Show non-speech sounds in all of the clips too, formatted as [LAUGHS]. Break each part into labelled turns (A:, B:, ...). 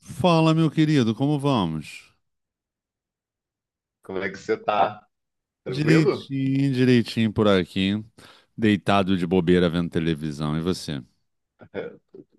A: Fala, meu querido, como vamos?
B: Como é que você tá? Tranquilo?
A: Direitinho, direitinho por aqui, deitado de bobeira vendo televisão. E você?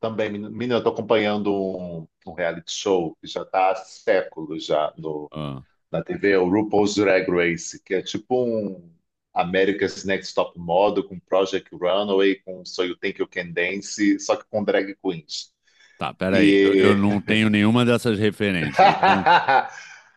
B: Também, menina, eu tô acompanhando um reality show que já tá há séculos já no,
A: Ah,
B: na TV, é o RuPaul's Drag Race, que é tipo um America's Next Top Model com Project Runway, com So You Think You Can Dance, só que com drag queens.
A: tá, peraí, eu não tenho nenhuma dessas referências. Então,
B: [LAUGHS]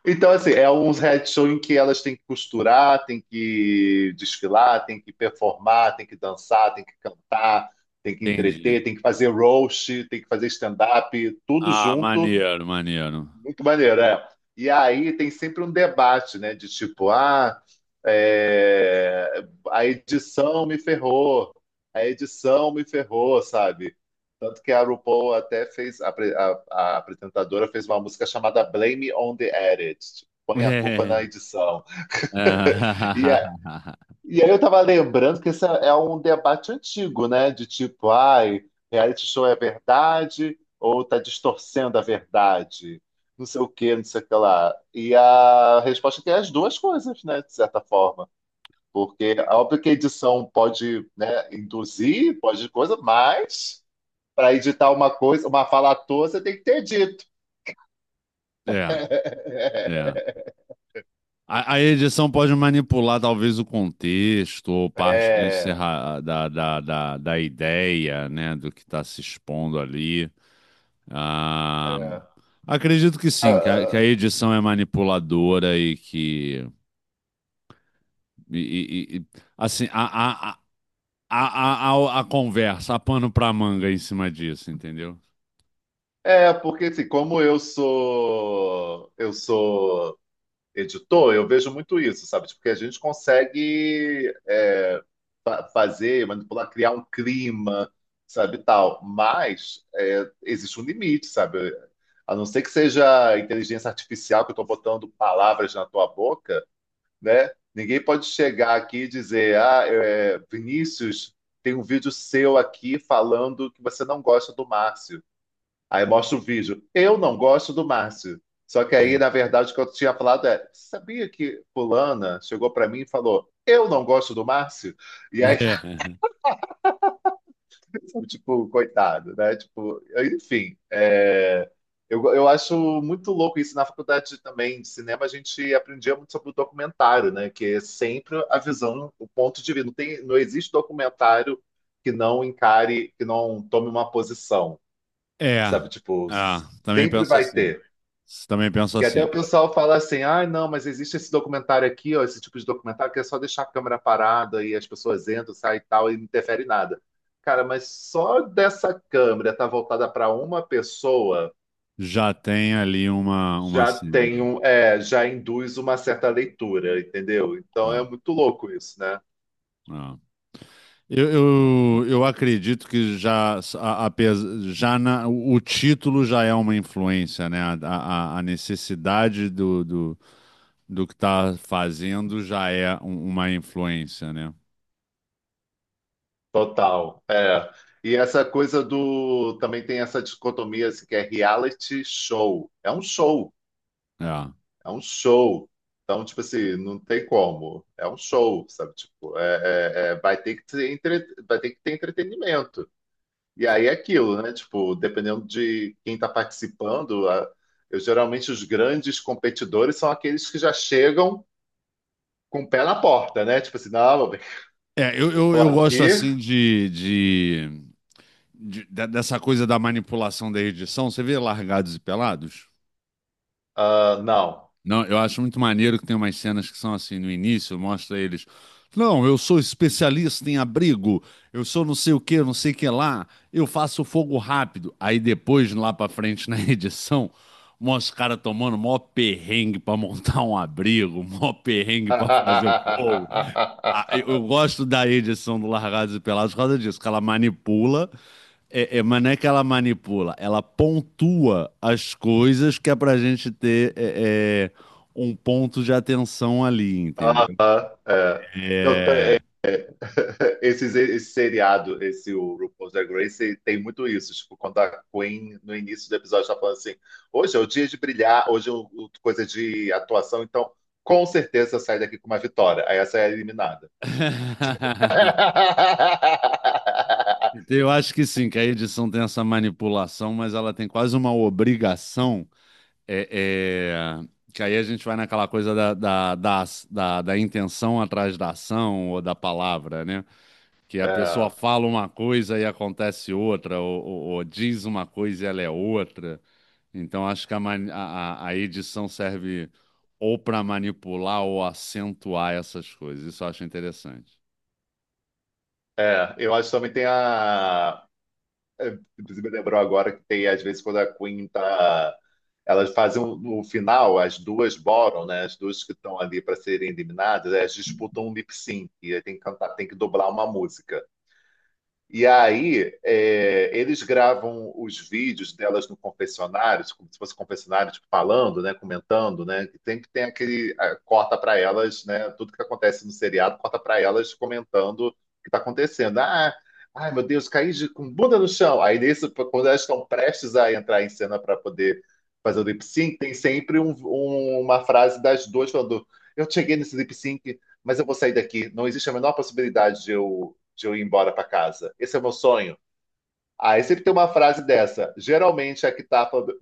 B: Então, assim, é uns reality show em que elas têm que costurar, têm que desfilar, têm que performar, têm que dançar, têm que cantar, têm que
A: entendi.
B: entreter, têm que fazer roast, têm que fazer stand-up, tudo
A: Ah,
B: junto
A: maneiro, maneiro.
B: muito maneiro, é. E aí tem sempre um debate, né? De tipo, ah, é, a edição me ferrou, a edição me ferrou, sabe? Tanto que a RuPaul até fez, a apresentadora fez uma música chamada Blame on the Edit, tipo, põe a culpa
A: É,
B: na edição.
A: é,
B: E
A: [LAUGHS]
B: e aí eu tava lembrando que esse é um debate antigo, né? De tipo, ai, reality show é verdade ou tá distorcendo a verdade? Não sei o que, não sei o que lá. E a resposta é que é as duas coisas, né? De certa forma. Porque é óbvio que a edição pode, né, induzir, pode coisa, mas para editar uma coisa, uma fala à toa, você tem que ter dito.
A: é. É.
B: [LAUGHS]
A: A edição pode manipular talvez o contexto ou parte
B: É,
A: da ideia, né, do que está se expondo ali. Ah,
B: é.
A: acredito que
B: Ah,
A: sim, que
B: ah,
A: a edição é manipuladora e que. e- e- e- assim, a, a conversa, a pano pra manga em cima disso, entendeu?
B: é, porque assim, como eu sou editor, eu vejo muito isso, sabe? Porque a gente consegue é, fazer, manipular, criar um clima, sabe, tal. Mas é, existe um limite, sabe? A não ser que seja inteligência artificial que eu estou botando palavras na tua boca, né? Ninguém pode chegar aqui e dizer, ah, é, Vinícius, tem um vídeo seu aqui falando que você não gosta do Márcio. Aí mostra o vídeo. Eu não gosto do Márcio. Só que aí, na verdade, o que eu tinha falado é: sabia que fulana chegou pra mim e falou, eu não gosto do Márcio? E aí,
A: É.
B: [LAUGHS] tipo, coitado, né? Tipo, enfim, é, eu acho muito louco isso. Na faculdade também de cinema, a gente aprendia muito sobre o documentário, né? Que é sempre a visão, o ponto de vista. Não existe documentário que não encare, que não tome uma posição,
A: É.
B: sabe? Tipo,
A: Ah, também
B: sempre
A: penso
B: vai
A: assim.
B: ter.
A: Também penso
B: Que até
A: assim.
B: o pessoal fala assim, ah, não, mas existe esse documentário aqui, ó, esse tipo de documentário que é só deixar a câmera parada e as pessoas entram, saem e tal, e não interfere em nada. Cara, mas só dessa câmera estar voltada para uma pessoa
A: Já tem ali uma
B: já tem
A: sigla.
B: um, é, já induz uma certa leitura, entendeu? Então é
A: Ah,
B: muito louco isso, né?
A: ah. Eu, eu acredito que já, o título já é uma influência, né? A necessidade do que está fazendo já é uma influência, né?
B: Total. É. E essa coisa do. Também tem essa dicotomia assim, que é reality show. É um show.
A: É,
B: É um show. Então, tipo assim, não tem como. É um show, sabe? Tipo, vai ter que ter vai ter que ter entretenimento. E aí é aquilo, né? Tipo, dependendo de quem está participando, eu geralmente os grandes competidores são aqueles que já chegam com o pé na porta, né? Tipo assim, não, meu bem,
A: é, eu,
B: eu
A: eu,
B: tô
A: eu gosto
B: aqui,
A: assim dessa coisa da manipulação da edição. Você vê Largados e Pelados?
B: ah, não.
A: Não, eu acho muito maneiro que tem umas cenas que são assim, no início, mostra eles. Não, eu sou especialista em abrigo, eu sou não sei o que, não sei o que lá, eu faço fogo rápido. Aí depois, lá pra frente [LAUGHS] na edição, mostra os caras tomando mó perrengue pra montar um abrigo, mó perrengue pra fazer o fogo eu
B: [LAUGHS]
A: gosto da edição do Largados e Pelados por causa disso, que ela manipula, é, é, mas não é que ela manipula, ela pontua as coisas que é pra gente ter um ponto de atenção ali,
B: Ah,
A: entendeu?
B: é. Não, é,
A: É.
B: [LAUGHS] esse seriado, esse o RuPaul's Drag Race, tem muito isso. Tipo, quando a Queen, no início do episódio, tá falando assim: hoje é o dia de brilhar, hoje é coisa de atuação, então com certeza eu saio daqui com uma vitória. Aí essa é eliminada.
A: [LAUGHS] Então,
B: [LAUGHS]
A: eu acho que sim, que a edição tem essa manipulação, mas ela tem quase uma obrigação. é, é, que aí a gente vai naquela coisa da intenção atrás da ação ou da palavra, né? Que a pessoa
B: É,
A: fala uma coisa e acontece outra, ou diz uma coisa e ela é outra. Então, acho que a edição serve ou para manipular ou acentuar essas coisas. Isso eu acho interessante.
B: é, eu acho que também tem a. É, inclusive, me lembrou agora que tem, às vezes, quando a Queen tá elas fazem no final, as duas bottom, né? As duas que estão ali para serem eliminadas, elas disputam um lip sync e tem que cantar, tem que dobrar uma música. E aí, é, eles gravam os vídeos delas no confessionário, como se fosse confessionário, tipo, falando, né, comentando, né, que tem aquele ah, corta para elas, né, tudo que acontece no seriado, corta para elas comentando o que está acontecendo. Ah, ai meu Deus, caí de, com bunda no chão. Aí nesse, quando elas estão prestes a entrar em cena para poder fazer o lip sync, tem sempre uma frase das duas falando: "Eu cheguei nesse lip sync, mas eu vou sair daqui. Não existe a menor possibilidade de eu ir embora para casa. Esse é o meu sonho." Aí ah, sempre tem uma frase dessa. Geralmente é a que tá falando: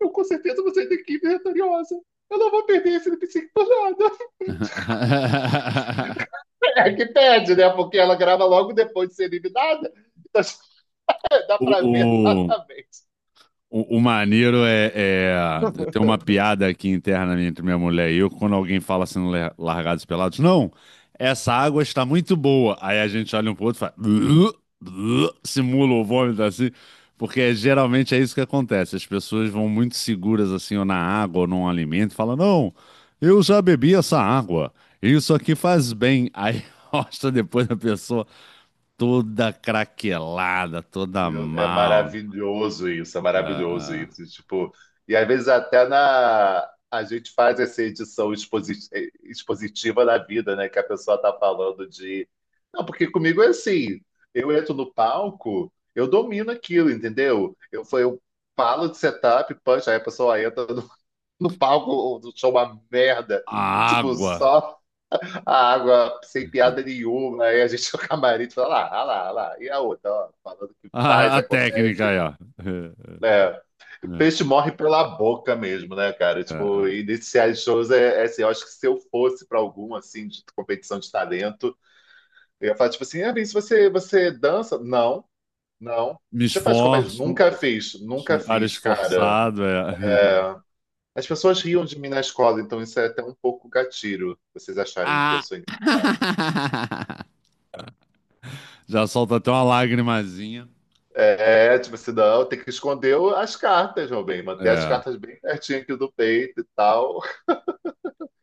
B: eu com certeza vou sair daqui vitoriosa. Eu não vou perder esse lip sync por nada. [LAUGHS]
A: [LAUGHS]
B: É a que pede, né? Porque ela grava logo depois de ser eliminada. Então [LAUGHS] dá para ver
A: O,
B: exatamente.
A: o maneiro é, tem uma piada aqui interna entre minha mulher e eu, quando alguém fala assim, no Largados e Pelados, não, essa água está muito boa. Aí a gente olha um pro outro e fala, "Blu, blu", simula o vômito assim, porque é- geralmente é isso que acontece. As pessoas vão muito seguras assim, ou na água, ou num alimento, e falam, não, eu já bebi essa água, isso aqui faz bem. Aí [LAUGHS] mostra depois a pessoa toda craquelada, toda
B: Meu, é
A: mal.
B: maravilhoso isso, é
A: Ah,
B: maravilhoso
A: ah.
B: isso. E, tipo, e às vezes até na a gente faz essa edição expositiva da vida, né? Que a pessoa tá falando de. Não, porque comigo é assim, eu entro no palco, eu domino aquilo, entendeu? Eu, eu falo de setup, punch, aí a pessoa entra no palco, o show é uma merda.
A: A
B: Tipo,
A: água.
B: só a água sem piada
A: [LAUGHS]
B: nenhuma, aí a gente [LAUGHS] no camarim fala, lá, ah lá, ah lá. E a outra, ó, falando que
A: A,
B: faz,
A: a técnica
B: acontece.
A: aí, ó.
B: É,
A: É, é,
B: peixe morre pela boca mesmo, né, cara?
A: é.
B: Tipo,
A: É.
B: iniciar shows é, é assim, eu acho que se eu fosse pra algum, assim, de competição de talento, eu ia falar, tipo assim, ah, Vinícius, você dança? Não, não.
A: Me
B: Você faz comédia?
A: esforço,
B: Nunca
A: eu
B: fiz,
A: sou
B: nunca
A: um cara
B: fiz, cara.
A: esforçado. É.
B: As pessoas riam de mim na escola, então isso é até um pouco gatilho, vocês acharem que eu
A: Ah.
B: sou engraçado.
A: [LAUGHS] Já solta até uma lagrimazinha.
B: É, tipo assim, não, tem que esconder as cartas, meu bem, manter as
A: É,
B: cartas bem pertinho aqui do peito e tal.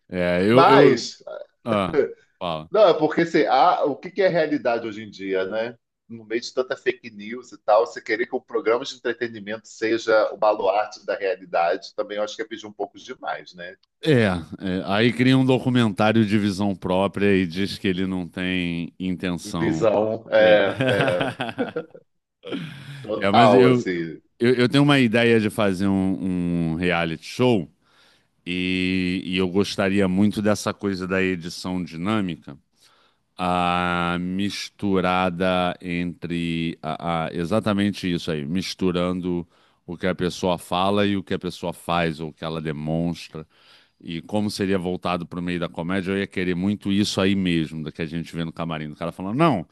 A: é,
B: Mas,
A: ah, fala.
B: não, é porque assim, o que que é realidade hoje em dia, né? No meio de tanta fake news e tal, você querer que o programa de entretenimento seja o baluarte da realidade, também eu acho que é pedir um pouco demais, né?
A: É, é, aí cria um documentário de visão própria e diz que ele não tem intenção.
B: Visão,
A: É.
B: é, é,
A: [LAUGHS] É, mas
B: total,
A: eu,
B: assim,
A: eu, eu tenho uma ideia de fazer um reality show e eu gostaria muito dessa coisa da edição dinâmica. A misturada entre. Exatamente isso aí, misturando o que a pessoa fala e o que a pessoa faz, ou o que ela demonstra. E como seria voltado para o meio da comédia, eu ia querer muito isso aí mesmo, da que a gente vê no camarim. O cara falando, não,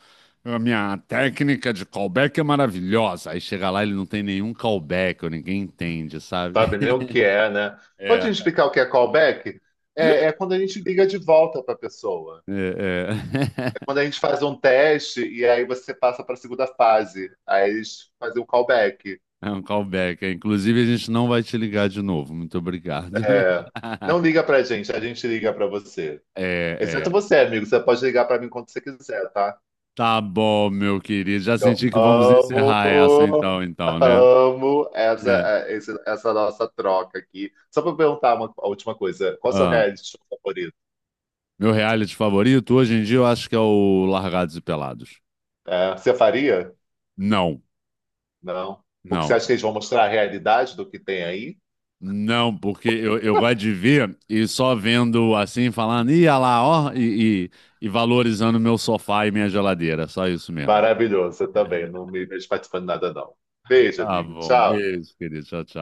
A: a minha técnica de callback é maravilhosa. Aí chega lá, ele não tem nenhum callback, ou ninguém entende, sabe?
B: sabe nem
A: [LAUGHS]
B: o que é, né? Pode
A: É,
B: me explicar o que é callback? É, é quando a gente liga de volta para a pessoa.
A: é, é.
B: Quando
A: [LAUGHS]
B: a gente faz um teste e aí você passa para a segunda fase, aí eles fazem o callback.
A: É um callback. É. Inclusive, a gente não vai te ligar de novo. Muito obrigado. [LAUGHS]
B: É, não liga para a gente liga para você. Exceto
A: É, é.
B: você, amigo, você pode ligar para mim quando você quiser, tá?
A: Tá bom, meu querido. Já
B: Eu
A: senti que vamos
B: amo,
A: encerrar essa então, né?
B: amo essa,
A: É.
B: é, essa nossa troca aqui. Só para perguntar uma, a última coisa, qual é o seu
A: Ah,
B: reality show favorito?
A: meu reality favorito hoje em dia eu acho que é o Largados e Pelados.
B: É, você faria?
A: Não,
B: Não. Porque você
A: não.
B: acha que eles vão mostrar a realidade do que tem aí?
A: Não, porque eu gosto de ver e só vendo assim, falando, ia lá, ó, e valorizando meu sofá e minha geladeira. Só isso mesmo.
B: Maravilhoso, eu também. Não me vejo participando de nada, não. Beijo,
A: Tá
B: amigo.
A: bom,
B: Tchau.
A: beijo, querido. Tchau, tchau.